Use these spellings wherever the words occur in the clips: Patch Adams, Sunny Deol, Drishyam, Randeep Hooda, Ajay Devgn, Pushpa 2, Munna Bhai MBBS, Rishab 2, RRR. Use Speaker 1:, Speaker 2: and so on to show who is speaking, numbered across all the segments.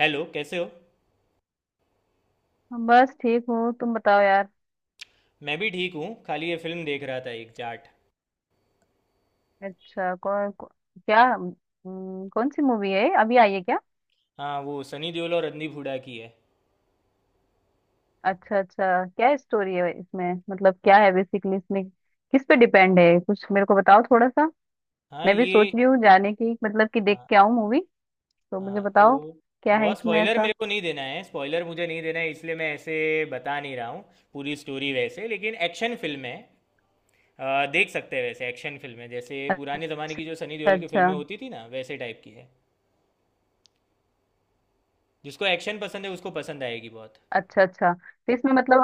Speaker 1: Hello, कैसे हो।
Speaker 2: बस ठीक हूँ, तुम बताओ यार।
Speaker 1: मैं भी ठीक हूँ, खाली ये फिल्म देख रहा था, एक जाट।
Speaker 2: अच्छा, क्या कौन सी मूवी है? अभी आई है क्या?
Speaker 1: हाँ, वो सनी देओल और रणदीप हुड्डा की है।
Speaker 2: अच्छा अच्छा, क्या स्टोरी है इसमें? मतलब क्या है बेसिकली इसमें? किस पे डिपेंड है? कुछ मेरे को बताओ थोड़ा सा।
Speaker 1: हाँ
Speaker 2: मैं भी सोच
Speaker 1: ये।
Speaker 2: रही हूँ जाने की, मतलब कि देख
Speaker 1: हाँ,
Speaker 2: के आऊँ मूवी। तो मुझे
Speaker 1: हाँ तो
Speaker 2: बताओ क्या है
Speaker 1: बहुत
Speaker 2: इसमें
Speaker 1: स्पॉइलर
Speaker 2: ऐसा।
Speaker 1: मेरे को नहीं देना है, स्पॉइलर मुझे नहीं देना है, इसलिए मैं ऐसे बता नहीं रहा हूँ पूरी स्टोरी वैसे, लेकिन एक्शन फिल्म है। देख सकते हैं वैसे, एक्शन फिल्म है, जैसे
Speaker 2: अच्छा
Speaker 1: पुराने ज़माने की जो सनी देओल की
Speaker 2: अच्छा।
Speaker 1: फिल्में होती थी ना, वैसे टाइप की है। जिसको एक्शन पसंद है उसको पसंद आएगी बहुत।
Speaker 2: अच्छा अच्छा, तो इसमें मतलब,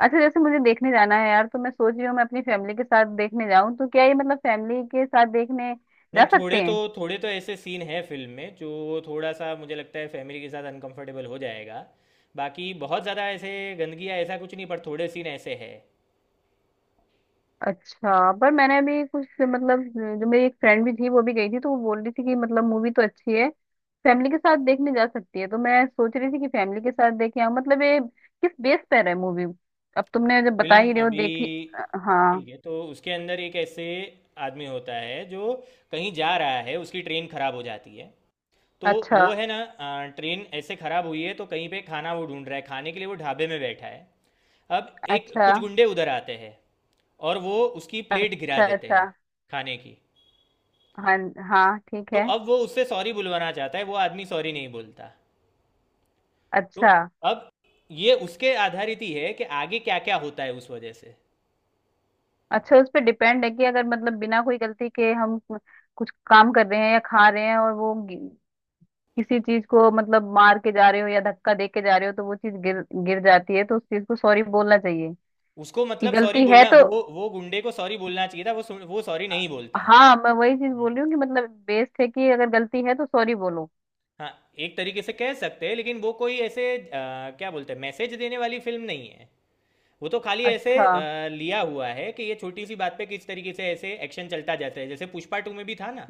Speaker 2: अच्छा जैसे मुझे देखने जाना है यार, तो मैं सोच रही हूँ मैं अपनी फैमिली के साथ देखने जाऊँ, तो क्या ये मतलब फैमिली के साथ देखने जा
Speaker 1: नहीं,
Speaker 2: सकते
Speaker 1: थोड़े तो
Speaker 2: हैं?
Speaker 1: थोड़े तो ऐसे सीन हैं फिल्म में जो थोड़ा सा मुझे लगता है फैमिली के साथ अनकंफर्टेबल हो जाएगा। बाकी बहुत ज़्यादा ऐसे गंदगी या ऐसा कुछ नहीं, पर थोड़े सीन ऐसे हैं।
Speaker 2: अच्छा, पर मैंने अभी कुछ मतलब, जो मेरी एक फ्रेंड भी थी वो भी गई थी, तो वो बोल रही थी कि मतलब मूवी तो अच्छी है, फैमिली के साथ देखने जा सकती है। तो मैं सोच रही थी कि फैमिली के साथ देखे आऊं, मतलब ये किस बेस पर है मूवी? अब तुमने जब बता
Speaker 1: फिल्म
Speaker 2: ही रहे हो
Speaker 1: अभी
Speaker 2: देखी।
Speaker 1: ठीक
Speaker 2: हाँ।
Speaker 1: है। तो उसके अंदर एक ऐसे आदमी होता है जो कहीं जा रहा है, उसकी ट्रेन खराब हो जाती है। तो
Speaker 2: अच्छा
Speaker 1: वो है ना, ट्रेन ऐसे खराब हुई है तो कहीं पे खाना वो ढूंढ रहा है, खाने के लिए वो ढाबे में बैठा है। अब एक
Speaker 2: अच्छा।
Speaker 1: कुछ गुंडे उधर आते हैं और वो उसकी प्लेट गिरा
Speaker 2: अच्छा
Speaker 1: देते
Speaker 2: अच्छा।
Speaker 1: हैं, खाने की।
Speaker 2: हाँ हाँ ठीक
Speaker 1: तो
Speaker 2: है।
Speaker 1: अब वो उससे सॉरी बुलवाना चाहता है, वो आदमी सॉरी नहीं बोलता। तो
Speaker 2: अच्छा
Speaker 1: अब ये उसके आधारित ही है कि आगे क्या क्या होता है उस वजह से।
Speaker 2: अच्छा। उस पर डिपेंड है कि अगर मतलब बिना कोई गलती के हम कुछ काम कर रहे हैं या खा रहे हैं, और वो किसी चीज को मतलब मार के जा रहे हो या धक्का दे के जा रहे हो, तो वो चीज गिर गिर जाती है, तो उस चीज को सॉरी बोलना चाहिए,
Speaker 1: उसको
Speaker 2: कि
Speaker 1: मतलब सॉरी
Speaker 2: गलती है
Speaker 1: बोलना,
Speaker 2: तो।
Speaker 1: वो गुंडे को सॉरी बोलना चाहिए था, वो सॉरी नहीं बोलता है।
Speaker 2: हाँ, मैं वही चीज
Speaker 1: हम्म,
Speaker 2: बोल रही हूँ कि मतलब बेस्ट है कि अगर गलती है तो सॉरी बोलो।
Speaker 1: हाँ, एक तरीके से कह सकते हैं, लेकिन वो कोई ऐसे क्या बोलते हैं, मैसेज देने वाली फिल्म नहीं है। वो तो खाली ऐसे
Speaker 2: अच्छा।
Speaker 1: लिया हुआ है कि ये छोटी सी बात पे किस तरीके से ऐसे एक्शन चलता जाता है, जैसे पुष्पा 2 में भी था ना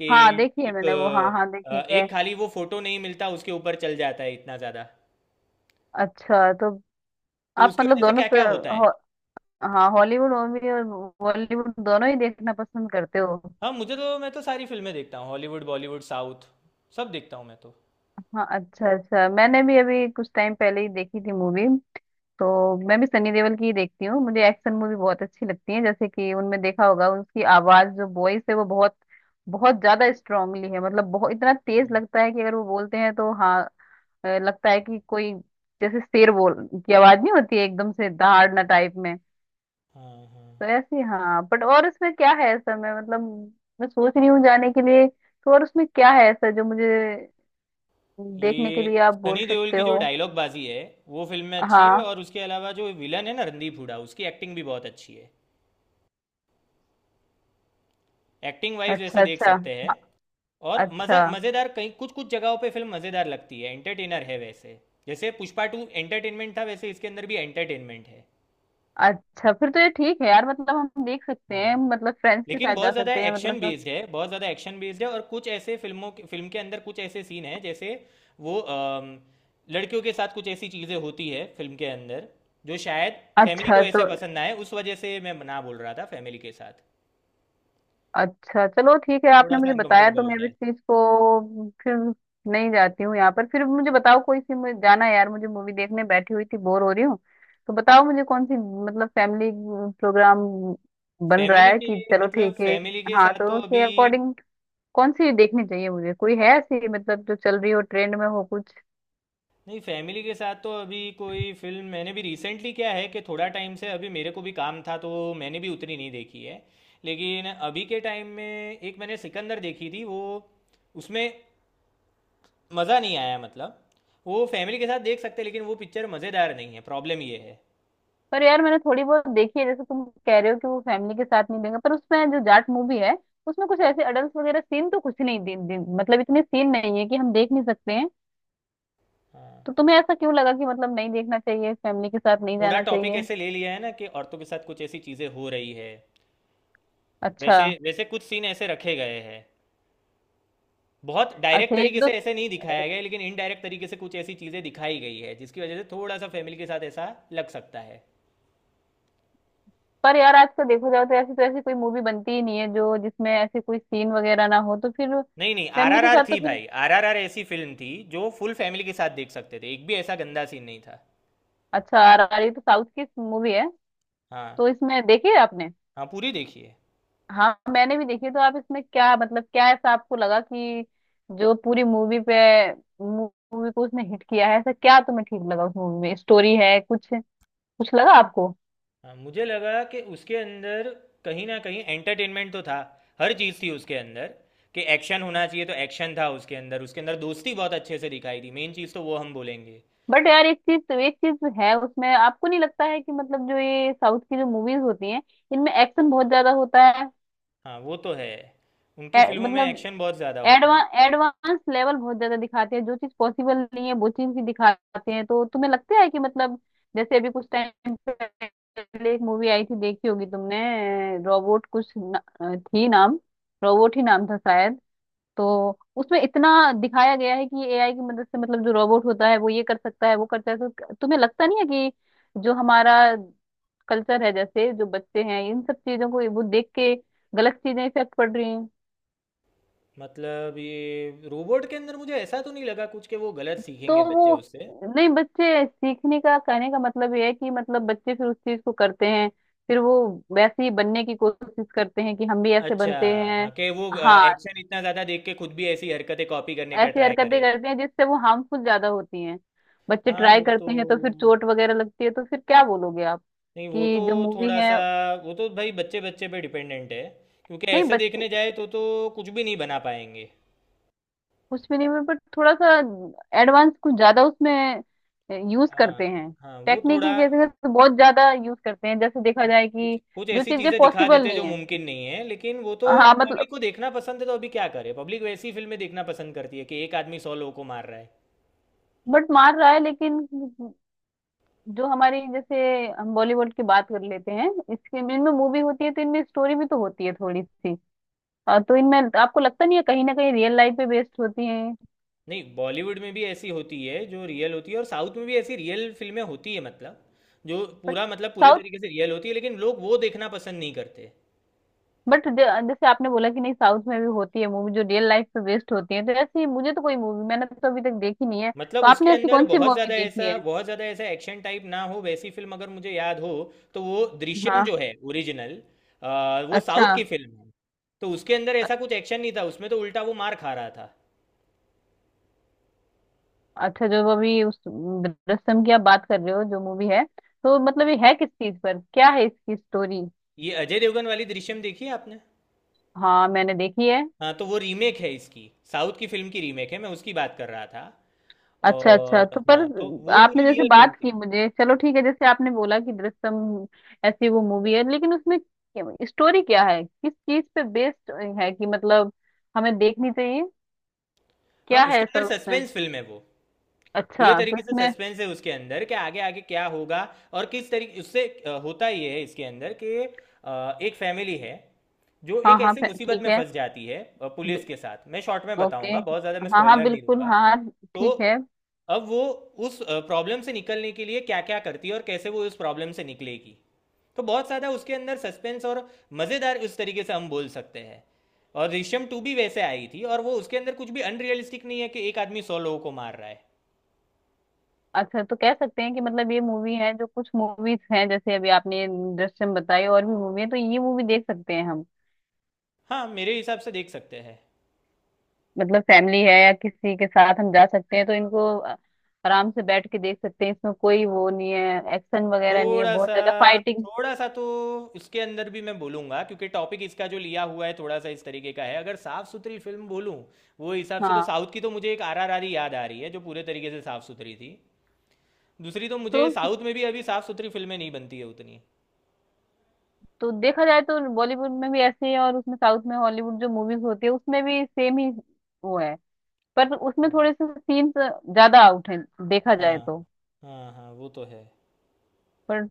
Speaker 1: कि
Speaker 2: हाँ, देखी है
Speaker 1: एक
Speaker 2: मैंने वो, हाँ हाँ देखी
Speaker 1: अ,
Speaker 2: है।
Speaker 1: एक खाली वो फोटो नहीं मिलता, उसके ऊपर चल जाता है इतना ज़्यादा।
Speaker 2: अच्छा तो
Speaker 1: तो
Speaker 2: आप
Speaker 1: उसकी
Speaker 2: मतलब
Speaker 1: वजह से
Speaker 2: दोनों
Speaker 1: क्या
Speaker 2: तो
Speaker 1: क्या होता है।
Speaker 2: हो, हाँ, हॉलीवुड मूवी और बॉलीवुड दोनों ही देखना पसंद करते हो?
Speaker 1: हाँ, मुझे तो मैं तो सारी फिल्में देखता हूँ, हॉलीवुड, बॉलीवुड, साउथ, सब देखता हूँ मैं तो।
Speaker 2: हाँ। अच्छा अच्छा, मैंने भी अभी कुछ टाइम पहले ही देखी थी मूवी। तो मैं भी सनी देओल की ही देखती हूँ, मुझे एक्शन मूवी बहुत अच्छी लगती है, जैसे कि उनमें देखा होगा उसकी आवाज जो वॉइस है वो बहुत बहुत ज्यादा स्ट्रांगली है, मतलब बहुत इतना तेज
Speaker 1: हम्म,
Speaker 2: लगता है कि अगर वो बोलते हैं तो हाँ, लगता है कि कोई जैसे शेर बोल की आवाज नहीं होती है, एकदम से दहाड़ना
Speaker 1: हाँ,
Speaker 2: टाइप में।
Speaker 1: हाँ,
Speaker 2: तो
Speaker 1: हाँ।
Speaker 2: ऐसी हाँ, बट और उसमें क्या है ऐसा, मैं मतलब मैं सोच रही हूँ जाने के लिए। तो और उसमें क्या है ऐसा जो मुझे देखने के लिए
Speaker 1: ये
Speaker 2: आप बोल
Speaker 1: सनी देओल
Speaker 2: सकते
Speaker 1: की जो
Speaker 2: हो?
Speaker 1: डायलॉग बाजी है, वो फिल्म में अच्छी है।
Speaker 2: हाँ।
Speaker 1: और उसके अलावा जो विलन है ना, रणदीप हुडा, उसकी एक्टिंग भी बहुत अच्छी है। एक्टिंग वाइज वैसे
Speaker 2: अच्छा
Speaker 1: देख
Speaker 2: अच्छा।
Speaker 1: सकते हैं। और मज़ा
Speaker 2: अच्छा
Speaker 1: मज़ेदार कई कुछ कुछ जगहों पे फिल्म मज़ेदार लगती है, एंटरटेनर है वैसे। जैसे पुष्पा टू एंटरटेनमेंट था, वैसे इसके अंदर भी एंटरटेनमेंट है।
Speaker 2: अच्छा, फिर तो ये ठीक है यार, मतलब हम देख सकते हैं,
Speaker 1: हाँ,
Speaker 2: मतलब फ्रेंड्स के
Speaker 1: लेकिन
Speaker 2: साथ जा
Speaker 1: बहुत ज़्यादा
Speaker 2: सकते हैं मतलब
Speaker 1: एक्शन बेस्ड है, बहुत ज़्यादा एक्शन बेस्ड है। और कुछ ऐसे फिल्म के अंदर कुछ ऐसे सीन हैं, जैसे वो लड़कियों के साथ कुछ ऐसी चीज़ें होती है फिल्म के अंदर, जो शायद फैमिली
Speaker 2: अच्छा।
Speaker 1: को ऐसे
Speaker 2: तो
Speaker 1: पसंद ना आए, उस वजह से मैं ना बोल रहा था फैमिली के साथ
Speaker 2: अच्छा चलो ठीक है,
Speaker 1: थोड़ा
Speaker 2: आपने
Speaker 1: सा
Speaker 2: मुझे बताया, तो
Speaker 1: अनकंफर्टेबल हो
Speaker 2: मैं अब इस
Speaker 1: जाए।
Speaker 2: चीज को फिर नहीं जाती हूँ। यहाँ पर फिर मुझे बताओ कोई सी, मुझे जाना है यार, मुझे मूवी देखने, बैठी हुई थी बोर हो रही हूँ। तो बताओ मुझे कौन सी, मतलब फैमिली प्रोग्राम बन रहा
Speaker 1: फैमिली
Speaker 2: है
Speaker 1: के
Speaker 2: कि चलो
Speaker 1: मतलब
Speaker 2: ठीक है।
Speaker 1: फैमिली के
Speaker 2: हाँ
Speaker 1: साथ तो
Speaker 2: तो
Speaker 1: अभी
Speaker 2: उसके अकॉर्डिंग कौन सी देखनी चाहिए मुझे? कोई है ऐसी मतलब जो चल रही हो, ट्रेंड में हो कुछ?
Speaker 1: नहीं, फैमिली के साथ तो अभी कोई फिल्म मैंने भी रिसेंटली, क्या है कि थोड़ा टाइम से अभी मेरे को भी काम था, तो मैंने भी उतनी नहीं देखी है। लेकिन अभी के टाइम में एक मैंने सिकंदर देखी थी, वो, उसमें मज़ा नहीं आया, मतलब वो फैमिली के साथ देख सकते हैं, लेकिन वो पिक्चर मज़ेदार नहीं है, प्रॉब्लम ये है।
Speaker 2: पर यार मैंने थोड़ी बहुत देखी है, जैसे तुम कह रहे हो कि वो फैमिली के साथ नहीं देंगे, पर उसमें जो जाट मूवी है उसमें कुछ ऐसे अडल्ट वगैरह सीन तो कुछ नहीं, दिन दिन मतलब इतने सीन नहीं है कि हम देख नहीं सकते हैं।
Speaker 1: हाँ,
Speaker 2: तो तुम्हें ऐसा क्यों लगा कि मतलब नहीं देखना चाहिए, फैमिली के साथ नहीं
Speaker 1: थोड़ा
Speaker 2: जाना
Speaker 1: टॉपिक
Speaker 2: चाहिए?
Speaker 1: ऐसे ले लिया है ना कि औरतों के साथ कुछ ऐसी चीज़ें हो रही है,
Speaker 2: अच्छा
Speaker 1: वैसे वैसे कुछ सीन ऐसे रखे गए हैं। बहुत डायरेक्ट
Speaker 2: अच्छा, एक
Speaker 1: तरीके
Speaker 2: दो,
Speaker 1: से ऐसे नहीं दिखाया गया है, लेकिन इनडायरेक्ट तरीके से कुछ ऐसी चीजें दिखाई गई है, जिसकी वजह से थोड़ा सा फैमिली के साथ ऐसा लग सकता है।
Speaker 2: पर यार आजकल देखो जाओ तो ऐसी, तो ऐसी कोई मूवी बनती ही नहीं है जो, जिसमें ऐसे कोई सीन वगैरह ना हो, तो फिर
Speaker 1: नहीं नहीं,
Speaker 2: फैमिली के
Speaker 1: आरआरआर
Speaker 2: साथ तो
Speaker 1: थी
Speaker 2: फिर।
Speaker 1: भाई, आरआरआर ऐसी फिल्म थी जो फुल फैमिली के साथ देख सकते थे, एक भी ऐसा गंदा सीन नहीं था।
Speaker 2: अच्छा, आ रही तो साउथ की मूवी है।
Speaker 1: हाँ।
Speaker 2: तो इसमें देखी है आपने?
Speaker 1: हाँ, पूरी देखिए।
Speaker 2: हाँ मैंने भी देखी। तो आप इसमें क्या मतलब, क्या ऐसा आपको लगा कि जो पूरी मूवी पे, मूवी को उसने हिट किया है, ऐसा क्या तुम्हें ठीक लगा उस मूवी में? स्टोरी है कुछ, कुछ लगा आपको?
Speaker 1: हाँ, मुझे लगा कि उसके अंदर कहीं ना कहीं एंटरटेनमेंट तो था, हर चीज़ थी उसके अंदर। कि एक्शन होना चाहिए तो एक्शन था उसके अंदर दोस्ती बहुत अच्छे से दिखाई दी, मेन चीज़ तो वो हम बोलेंगे।
Speaker 2: बट यार एक चीज, एक चीज है उसमें, आपको नहीं लगता है कि मतलब जो ये साउथ की जो मूवीज होती हैं इनमें एक्शन बहुत ज्यादा होता है?
Speaker 1: हाँ, वो तो है, उनकी फिल्मों में
Speaker 2: मतलब
Speaker 1: एक्शन बहुत ज़्यादा होता है।
Speaker 2: एडवांस एडवांस लेवल बहुत ज्यादा दिखाते हैं, जो चीज पॉसिबल नहीं है वो चीज भी दिखाते हैं। तो तुम्हें लगता है कि मतलब, जैसे अभी कुछ टाइम पहले एक मूवी आई थी देखी होगी तुमने, रोबोट कुछ न, थी नाम, रोबोट ही नाम था शायद। तो उसमें इतना दिखाया गया है कि एआई की मदद से मतलब जो रोबोट होता है वो ये कर सकता है वो करता है। तो तुम्हें लगता नहीं है कि जो हमारा कल्चर है, जैसे जो बच्चे हैं इन सब चीजों को वो देख के गलत चीजें इफेक्ट पड़ रही हैं?
Speaker 1: मतलब ये रोबोट के अंदर मुझे ऐसा तो नहीं लगा कुछ कि वो गलत सीखेंगे
Speaker 2: तो
Speaker 1: बच्चे
Speaker 2: वो
Speaker 1: उससे।
Speaker 2: नहीं, बच्चे सीखने का, कहने का मतलब ये है कि मतलब बच्चे फिर उस चीज को करते हैं, फिर वो वैसे ही बनने की कोशिश करते हैं कि हम भी ऐसे
Speaker 1: अच्छा,
Speaker 2: बनते
Speaker 1: हाँ,
Speaker 2: हैं।
Speaker 1: कि वो
Speaker 2: हाँ,
Speaker 1: एक्शन इतना ज़्यादा देख के खुद भी ऐसी हरकतें कॉपी करने का
Speaker 2: ऐसी
Speaker 1: ट्राई
Speaker 2: हरकतें
Speaker 1: करे।
Speaker 2: करते हैं जिससे वो हार्मफुल ज्यादा होती हैं। बच्चे
Speaker 1: हाँ,
Speaker 2: ट्राई
Speaker 1: वो तो,
Speaker 2: करते हैं तो फिर चोट वगैरह लगती है, तो फिर क्या बोलोगे आप
Speaker 1: नहीं, वो
Speaker 2: कि
Speaker 1: तो
Speaker 2: जो मूवी
Speaker 1: थोड़ा
Speaker 2: है?
Speaker 1: सा, वो तो भाई बच्चे बच्चे पे डिपेंडेंट है, क्योंकि
Speaker 2: नहीं
Speaker 1: ऐसे
Speaker 2: बच
Speaker 1: देखने जाए तो कुछ भी नहीं बना पाएंगे।
Speaker 2: उसमें नहीं, पर थोड़ा सा एडवांस कुछ ज्यादा उसमें यूज
Speaker 1: हाँ,
Speaker 2: करते हैं,
Speaker 1: हाँ, वो
Speaker 2: टेक्निक
Speaker 1: थोड़ा,
Speaker 2: की कैसे तो बहुत ज्यादा यूज करते हैं, जैसे देखा
Speaker 1: हाँ,
Speaker 2: जाए
Speaker 1: कुछ
Speaker 2: कि
Speaker 1: कुछ
Speaker 2: जो
Speaker 1: ऐसी
Speaker 2: चीजें
Speaker 1: चीज़ें दिखा
Speaker 2: पॉसिबल
Speaker 1: देते जो
Speaker 2: नहीं है।
Speaker 1: मुमकिन नहीं है, लेकिन वो तो
Speaker 2: हाँ मतलब,
Speaker 1: पब्लिक को देखना पसंद है, तो अभी क्या करे, पब्लिक वैसी फिल्में देखना पसंद करती है कि एक आदमी 100 लोगों को मार रहा है।
Speaker 2: बट मार रहा है, लेकिन जो हमारी जैसे, हम बॉलीवुड की बात कर लेते हैं, इसके इनमें मूवी होती है तो इनमें स्टोरी भी तो होती है थोड़ी सी। तो इनमें आपको लगता नहीं है कहीं ना कहीं रियल लाइफ पे बेस्ड होती है?
Speaker 1: नहीं, बॉलीवुड में भी ऐसी होती है जो रियल होती है, और साउथ में भी ऐसी रियल फिल्में होती है, मतलब जो
Speaker 2: बट
Speaker 1: पूरा, मतलब पूरे तरीके से रियल होती है, लेकिन लोग वो देखना पसंद नहीं करते।
Speaker 2: बट जैसे आपने बोला कि नहीं साउथ में भी होती है मूवी जो रियल लाइफ पे बेस्ड होती है, तो ऐसी मुझे तो कोई मूवी मैंने तो अभी तक देखी नहीं है,
Speaker 1: मतलब
Speaker 2: तो
Speaker 1: उसके
Speaker 2: आपने ऐसी
Speaker 1: अंदर
Speaker 2: कौन सी
Speaker 1: बहुत
Speaker 2: मूवी
Speaker 1: ज़्यादा
Speaker 2: देखी है?
Speaker 1: ऐसा, बहुत ज़्यादा ऐसा एक्शन टाइप ना हो, वैसी फिल्म अगर मुझे याद हो तो वो दृश्यम,
Speaker 2: हाँ
Speaker 1: जो है ओरिजिनल, वो
Speaker 2: अच्छा।
Speaker 1: साउथ की फिल्म है। तो उसके अंदर
Speaker 2: अ-
Speaker 1: ऐसा कुछ एक्शन नहीं था उसमें, तो उल्टा वो मार खा रहा था।
Speaker 2: अच्छा, जो अभी उस रस्म की आप बात कर रहे हो जो मूवी है, तो मतलब ये है किस चीज पर, क्या है इसकी स्टोरी?
Speaker 1: ये अजय देवगन वाली दृश्यम देखी है आपने।
Speaker 2: हाँ मैंने देखी है।
Speaker 1: हाँ, तो वो रीमेक है इसकी, साउथ की फिल्म की रीमेक है, मैं उसकी बात कर रहा था।
Speaker 2: अच्छा अच्छा,
Speaker 1: और
Speaker 2: तो पर
Speaker 1: हाँ, तो वो
Speaker 2: आपने
Speaker 1: पूरी
Speaker 2: जैसे
Speaker 1: रियल फिल्म
Speaker 2: बात की
Speaker 1: थी।
Speaker 2: मुझे, चलो ठीक है, जैसे आपने बोला कि दृश्यम ऐसी वो मूवी है, लेकिन उसमें स्टोरी क्या है, किस चीज पे बेस्ड है, कि मतलब हमें देखनी चाहिए,
Speaker 1: हाँ,
Speaker 2: क्या है
Speaker 1: उसके
Speaker 2: ऐसा
Speaker 1: अंदर
Speaker 2: उसमें?
Speaker 1: सस्पेंस फिल्म है वो,
Speaker 2: अच्छा
Speaker 1: पूरे
Speaker 2: तो
Speaker 1: तरीके से
Speaker 2: इसमें।
Speaker 1: सस्पेंस है उसके अंदर कि आगे आगे क्या होगा। और किस तरीके उससे होता ये है इसके अंदर कि एक फैमिली है जो
Speaker 2: हाँ
Speaker 1: एक
Speaker 2: हाँ
Speaker 1: ऐसी मुसीबत
Speaker 2: ठीक
Speaker 1: में
Speaker 2: है।
Speaker 1: फंस जाती है, पुलिस
Speaker 2: बि-
Speaker 1: के साथ, मैं शॉर्ट में
Speaker 2: ओके।
Speaker 1: बताऊंगा, बहुत ज़्यादा मैं
Speaker 2: हाँ हाँ
Speaker 1: स्पॉइलर नहीं
Speaker 2: बिल्कुल,
Speaker 1: दूंगा।
Speaker 2: हाँ हाँ,
Speaker 1: तो
Speaker 2: ठीक है।
Speaker 1: अब वो उस प्रॉब्लम से निकलने के लिए क्या क्या करती है, और कैसे वो उस प्रॉब्लम से निकलेगी। तो बहुत ज़्यादा उसके अंदर सस्पेंस और मज़ेदार, उस तरीके से हम बोल सकते हैं। और ऋषम 2 भी वैसे आई थी, और वो, उसके अंदर कुछ भी अनरियलिस्टिक नहीं है कि एक आदमी सौ लोगों को मार रहा है।
Speaker 2: अच्छा तो कह सकते हैं कि मतलब ये मूवी है, जो कुछ मूवीज हैं जैसे अभी आपने ये दृश्यम बताई, और भी मूवी है, तो ये मूवी देख सकते हैं हम।
Speaker 1: हाँ, मेरे हिसाब से देख सकते हैं।
Speaker 2: मतलब फैमिली है या किसी के साथ हम जा सकते हैं, तो इनको आराम से बैठ के देख सकते हैं, इसमें कोई वो नहीं है, एक्शन वगैरह नहीं है
Speaker 1: थोड़ा
Speaker 2: बहुत
Speaker 1: सा,
Speaker 2: ज्यादा फाइटिंग।
Speaker 1: तो उसके अंदर भी मैं बोलूंगा, क्योंकि टॉपिक इसका जो लिया हुआ है थोड़ा सा इस तरीके का है। अगर साफ सुथरी फिल्म बोलूं, वो हिसाब से तो
Speaker 2: हाँ
Speaker 1: साउथ की तो मुझे एक आरआरआर ही याद आ रही है, जो पूरे तरीके से साफ सुथरी थी। दूसरी तो
Speaker 2: तो
Speaker 1: मुझे साउथ में भी अभी साफ सुथरी फिल्में नहीं बनती है उतनी।
Speaker 2: तो देखा जाए तो बॉलीवुड में भी ऐसे ही है, और उसमें साउथ में, हॉलीवुड जो मूवीज होती है उसमें भी सेम ही वो है। पर उसमें
Speaker 1: हाँ।
Speaker 2: थोड़े से सीन्स ज्यादा आउट हैं, देखा जाए
Speaker 1: हाँ,
Speaker 2: तो।
Speaker 1: हाँ, हाँ, वो तो है।
Speaker 2: पर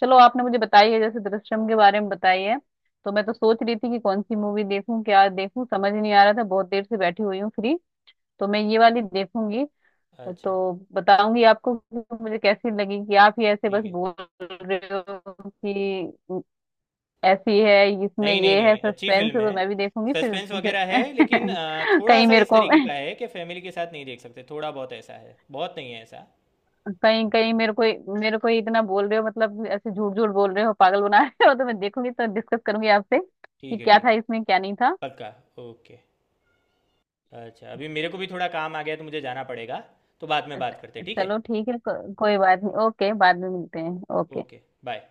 Speaker 2: चलो आपने मुझे बताई है, जैसे दृश्यम के बारे में बताई है, तो मैं तो सोच रही थी कि कौन सी मूवी देखूं क्या देखूं समझ नहीं आ रहा था, बहुत देर से बैठी हुई हूँ फ्री, तो मैं ये वाली देखूंगी।
Speaker 1: अच्छा,
Speaker 2: तो बताऊंगी आपको कि मुझे कैसी लगी, कि आप ही ऐसे बस
Speaker 1: ठीक है।
Speaker 2: बोल रहे हो कि ऐसी है, इसमें
Speaker 1: नहीं नहीं
Speaker 2: ये है,
Speaker 1: नहीं, अच्छी
Speaker 2: सस्पेंस
Speaker 1: फिल्म
Speaker 2: है,
Speaker 1: है,
Speaker 2: तो मैं भी देखूंगी फिर
Speaker 1: सस्पेंस
Speaker 2: तुमसे।
Speaker 1: वगैरह है, लेकिन थोड़ा
Speaker 2: कहीं
Speaker 1: सा
Speaker 2: मेरे
Speaker 1: इस
Speaker 2: को,
Speaker 1: तरीके का है कि फैमिली के साथ नहीं देख सकते, थोड़ा बहुत ऐसा है, बहुत नहीं है ऐसा।
Speaker 2: कहीं कहीं मेरे को, मेरे को इतना बोल रहे हो, मतलब ऐसे झूठ झूठ बोल रहे हो पागल बना रहे हो, तो मैं देखूंगी तो डिस्कस करूंगी आपसे कि
Speaker 1: ठीक है,
Speaker 2: क्या
Speaker 1: ठीक
Speaker 2: था
Speaker 1: है,
Speaker 2: इसमें क्या नहीं था।
Speaker 1: पक्का। ओके। अच्छा, अभी मेरे को भी थोड़ा काम आ गया है, तो मुझे जाना पड़ेगा, तो बाद में बात करते हैं,
Speaker 2: अच्छा,
Speaker 1: ठीक है।
Speaker 2: चलो ठीक है, कोई बात नहीं, ओके बाद में मिलते हैं। ओके।
Speaker 1: Okay, bye.